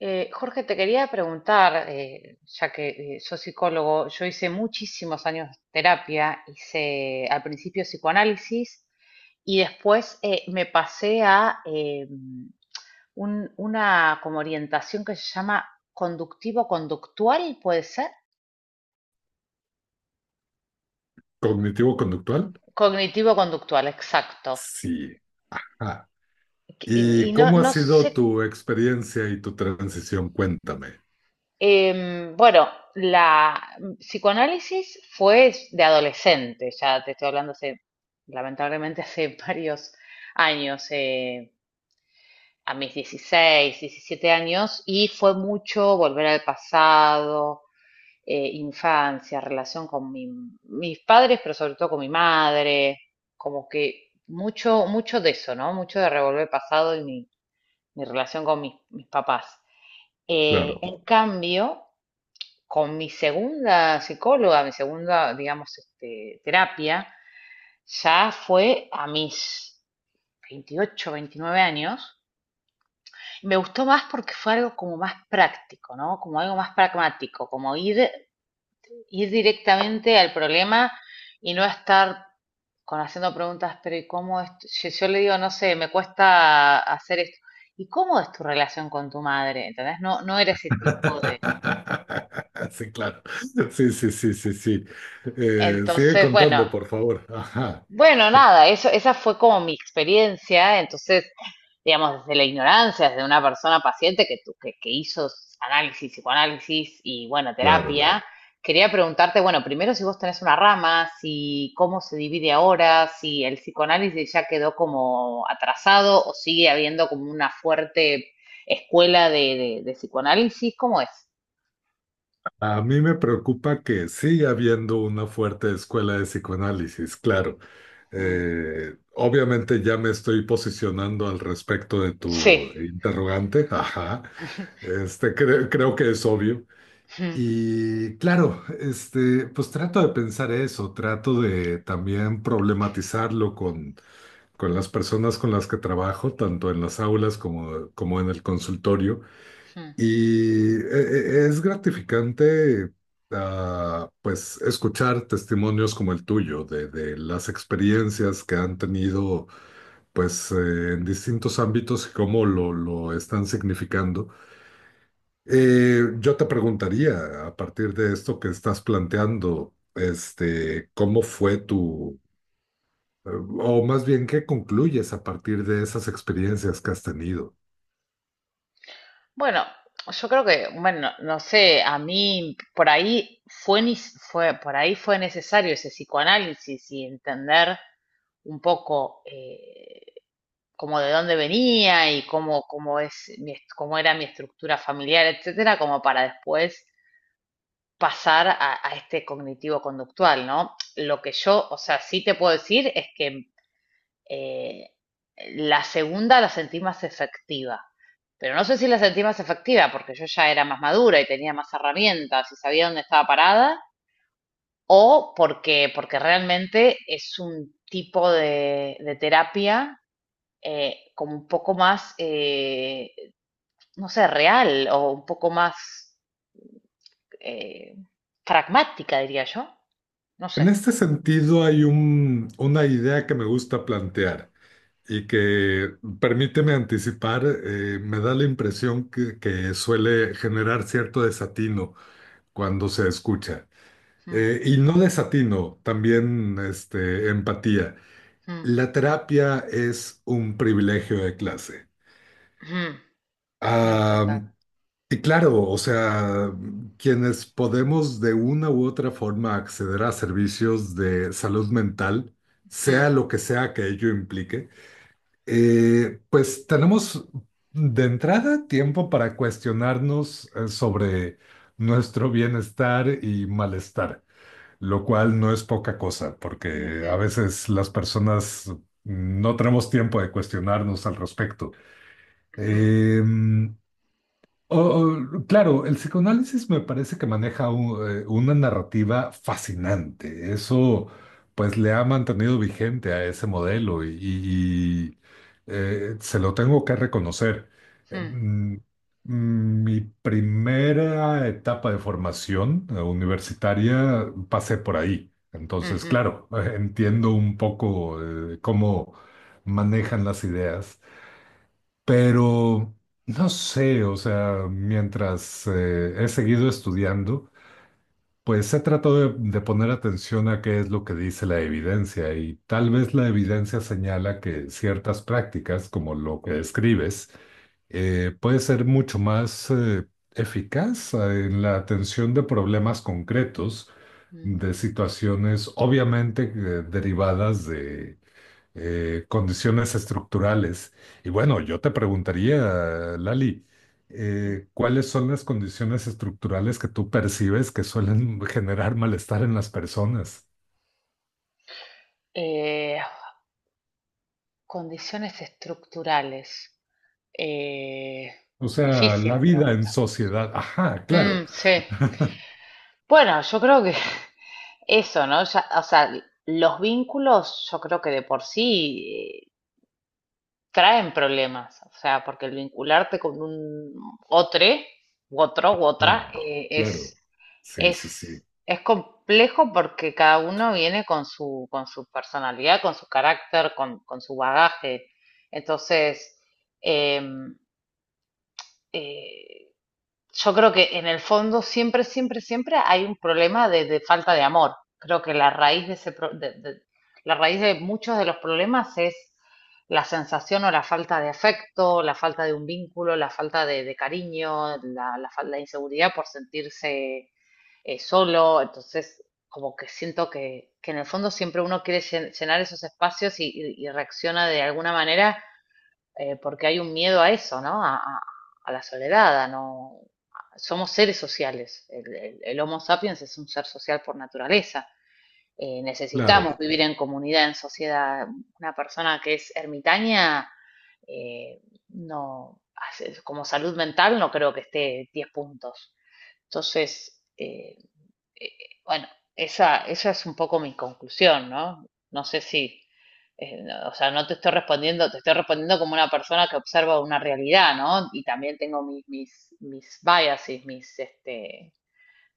Jorge, te quería preguntar, ya que sos psicólogo, yo hice muchísimos años terapia, hice al principio psicoanálisis y después me pasé a una como orientación que se llama conductivo-conductual, ¿puede ser? ¿Cognitivo-conductual? Cognitivo-conductual, exacto. Sí. Ah, Y, ¿y y no, cómo ha no sido sé tu experiencia y tu transición? Cuéntame. Bueno, la psicoanálisis fue de adolescente, ya te estoy hablando hace, lamentablemente, hace varios años, a mis 16, 17 años, y fue mucho volver al pasado, infancia, relación con mis padres, pero sobre todo con mi madre, como que mucho, mucho de eso, ¿no? Mucho de revolver pasado y mi relación con mis papás. Claro. En cambio, con mi segunda psicóloga, mi segunda, digamos, este, terapia, ya fue a mis 28, 29 años. Me gustó más porque fue algo como más práctico, ¿no? Como algo más pragmático, como ir directamente al problema y no estar con haciendo preguntas, pero ¿y cómo es? Yo le digo, no sé, me cuesta hacer esto. ¿Y cómo es tu relación con tu madre? ¿Entendés? No, no era ese tipo de... Sí, claro. Sí, sí, sí, sí, sí. Sigue Entonces, contando, bueno, por favor. Ajá, Bueno, nada, eso, esa fue como mi experiencia, entonces, digamos, desde la ignorancia, desde una persona paciente que hizo análisis, psicoanálisis y, bueno, claro. terapia, quería preguntarte, bueno, primero si vos tenés una rama, si cómo se divide ahora, si el psicoanálisis ya quedó como atrasado o sigue habiendo como una fuerte escuela de, de psicoanálisis, ¿cómo es? A mí me preocupa que siga habiendo una fuerte escuela de psicoanálisis, claro. Mm. Obviamente ya me estoy posicionando al respecto de Sí. tu interrogante. Ajá. Creo que es obvio. Mm. Y claro, pues trato de pensar eso, trato de también problematizarlo con las personas con las que trabajo, tanto en las aulas como en el consultorio. Mm. Y e- es gratificante, pues, escuchar testimonios como el tuyo, de las experiencias que han tenido, pues, en distintos ámbitos y cómo lo están significando. Mm. Yo te preguntaría, a partir de esto que estás planteando, ¿cómo fue eh, o más bien, qué concluyes a partir de esas experiencias que has tenido? Bueno, yo creo que, bueno, no sé, a mí por ahí fue necesario ese psicoanálisis y entender un poco, como de dónde venía y cómo cómo era mi estructura familiar, etcétera, como para después pasar a, este cognitivo conductual, ¿no? Lo que yo, o sea, sí te puedo decir es que, eh, la segunda la sentí más efectiva, pero no sé si la sentí más efectiva porque yo ya era más madura y tenía más herramientas y sabía dónde estaba parada, o porque realmente es un tipo de, terapia, como un poco más, no sé, real o un poco más, eh, pragmática, diría yo. No sé. En este sentido, hay una idea que me gusta plantear y que, permíteme anticipar, me da la impresión que suele generar cierto desatino cuando se escucha. Mm, Y no desatino, también este, empatía. mm, La terapia es un privilegio de clase. mm, mm, Ah, total. y claro, o sea, quienes podemos de una u otra forma acceder a servicios de salud mental, Mm, sea lo que sea que ello implique, pues tenemos de entrada tiempo para cuestionarnos sobre nuestro bienestar y malestar. Lo cual no es poca cosa, porque a mhm, veces las personas no tenemos tiempo de cuestionarnos al respecto. mhm, Eh, Oh, oh, claro, el psicoanálisis me parece que maneja una narrativa fascinante. Eso, pues, le ha mantenido vigente a ese modelo y se lo tengo que reconocer. Eh, mhm, mm, Mi primera etapa de formación universitaria pasé por ahí. Entonces, mhm. claro, entiendo un poco cómo manejan las ideas. Pero no sé, o sea, mientras he seguido estudiando, pues he tratado de poner atención a qué es lo que dice la evidencia y tal vez la evidencia señala que ciertas prácticas, como lo que describes, puede ser mucho más eficaz en la atención de problemas concretos, Mm, de situaciones obviamente derivadas de condiciones estructurales. Y bueno, yo te preguntaría, Lali, mm. ¿Cuáles son las condiciones estructurales que tú percibes que suelen generar malestar en las personas? Eh, Condiciones estructurales. Eh, O sea, Difícil la la vida en pregunta. sociedad. Ajá, claro. Mm, sí. Bueno, yo creo que eso, ¿no? Ya, o sea, los vínculos, yo creo que de por sí traen problemas, o sea, porque el vincularte con un otro, otro, u otra, Ah, es, claro. Sí, sí, sí. es, es complejo porque cada uno viene con su personalidad, con su carácter, con su bagaje. Entonces, em, eh, yo creo que en el fondo siempre, siempre, siempre hay un problema de, falta de amor. Creo que la raíz de muchos de los problemas es la sensación o la falta de afecto, la falta de un vínculo, la falta de, cariño, la falta de inseguridad por sentirse, solo. Entonces, como que siento que en el fondo siempre uno quiere llenar esos espacios y reacciona de alguna manera, porque hay un miedo a eso, ¿no? A la soledad, a no... Somos seres sociales. El Homo sapiens es un ser social por naturaleza. Claro. Necesitamos vivir en comunidad, en sociedad. Una persona que es ermitaña, eh, no, como salud mental, no creo que esté 10 puntos. Entonces, eh, bueno, esa es un poco mi conclusión, ¿no? No sé si, no, o sea, no te estoy respondiendo, te estoy respondiendo como una persona que observa una realidad, ¿no? Y también tengo mis biases, mis, este,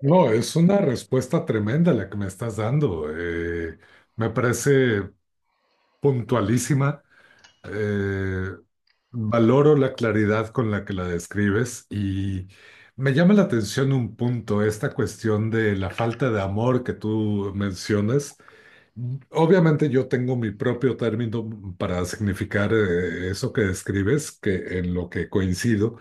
No, eh, es una respuesta tremenda la que me estás dando. Me parece puntualísima. Eh, valoro la claridad con la que la describes y me llama la atención un punto, esta cuestión de la falta de amor que tú mencionas. Obviamente yo tengo mi propio término para significar eso que describes, que en lo que coincido,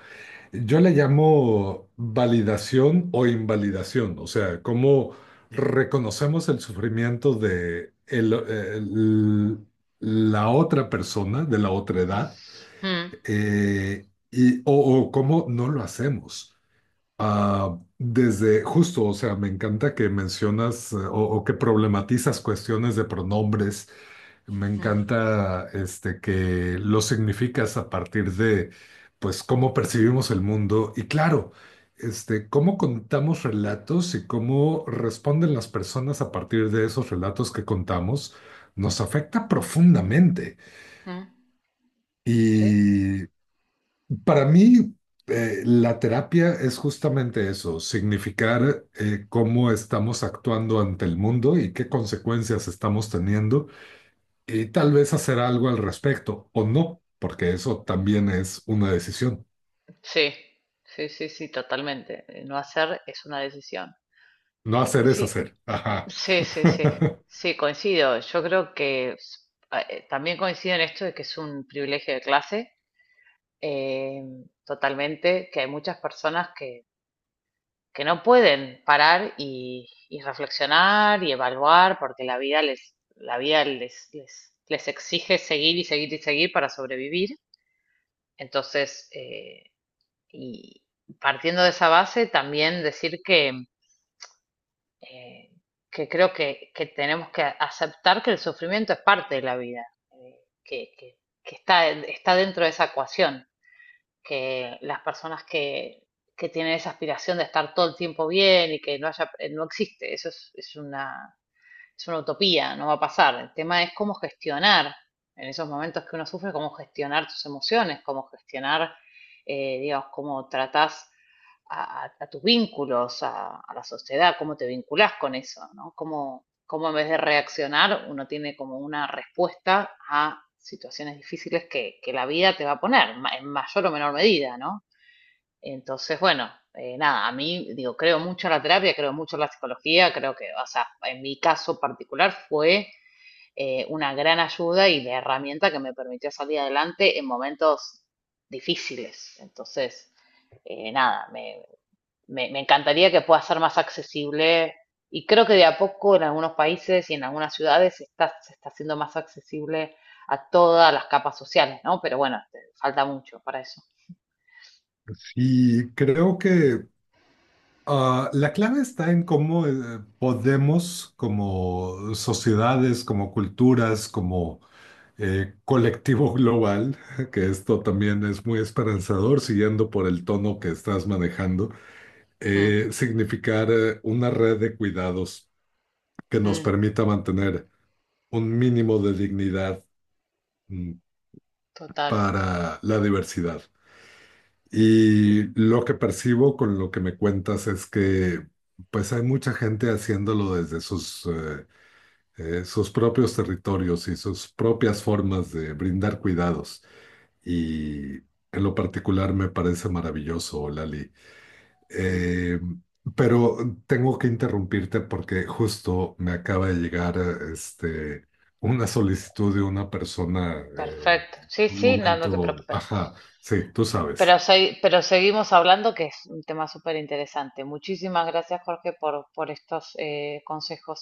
yo le llamo validación o invalidación, o sea, cómo reconocemos el sufrimiento de la otra persona, de la otra edad, mm, y, o cómo no lo hacemos. Ah, desde justo, o sea, me encanta que mencionas o que problematizas cuestiones de pronombres, me mm, encanta este que lo significas a partir de pues cómo percibimos el mundo y claro, este cómo contamos relatos y cómo responden las personas a partir de esos relatos que contamos nos afecta profundamente. mm, sí, Y para mí la terapia es justamente eso, significar cómo estamos actuando ante el mundo y qué consecuencias estamos teniendo y tal vez hacer algo al respecto o no, porque eso también es una decisión. sí, sí, sí, sí, totalmente. No hacer es una decisión. No hacer es Sí, hacer. Ajá. sí, sí, sí, sí, coincido. Yo creo que también coincido en esto de que es un privilegio de clase, eh, totalmente, que hay muchas personas que no pueden parar y reflexionar y evaluar porque la vida les, la vida les exige seguir y seguir y seguir para sobrevivir. Entonces, y partiendo de esa base, también decir eh, que creo tenemos que aceptar que el sufrimiento es parte de la vida, que está dentro de esa ecuación, que las personas que tienen esa aspiración de estar todo el tiempo bien y que no haya, no existe, eso es una utopía, no va a pasar. El tema es cómo gestionar en esos momentos que uno sufre, cómo gestionar tus emociones, cómo gestionar, digamos, cómo tratás tus vínculos, a la sociedad, cómo te vinculás con eso, ¿no? Cómo en vez de reaccionar uno tiene como una respuesta a situaciones difíciles que la vida te va a poner, en mayor o menor medida, ¿no? Entonces, bueno, nada, a mí, digo, creo mucho en la terapia, creo mucho en la psicología, creo que, o sea, en mi caso particular fue, una gran ayuda y la herramienta que me permitió salir adelante en momentos difíciles. Entonces, nada, me encantaría que pueda ser más accesible y creo que de a poco en algunos países y en algunas ciudades se está haciendo más accesible a todas las capas sociales, ¿no? Pero bueno, falta mucho para eso. Y creo que la clave está en cómo podemos, como sociedades, como culturas, como colectivo global, que esto también es muy esperanzador, siguiendo por el tono que estás manejando, Mm, significar una red de cuidados que nos mm, permita mantener un mínimo de dignidad mm, total. para la diversidad. Mm, Y lo que percibo con lo que me cuentas es que pues hay mucha gente haciéndolo desde sus propios territorios y sus propias formas de brindar cuidados. Y en lo particular me parece maravilloso, Lali. mm. Eh, pero tengo que interrumpirte porque justo me acaba de llegar una solicitud de una persona Perfecto. en Sí, un sí, no, no te momento, preocupes. ajá, sí, tú sabes. Pero seguimos hablando, que es un tema súper interesante. Muchísimas gracias, Jorge, por estos consejos.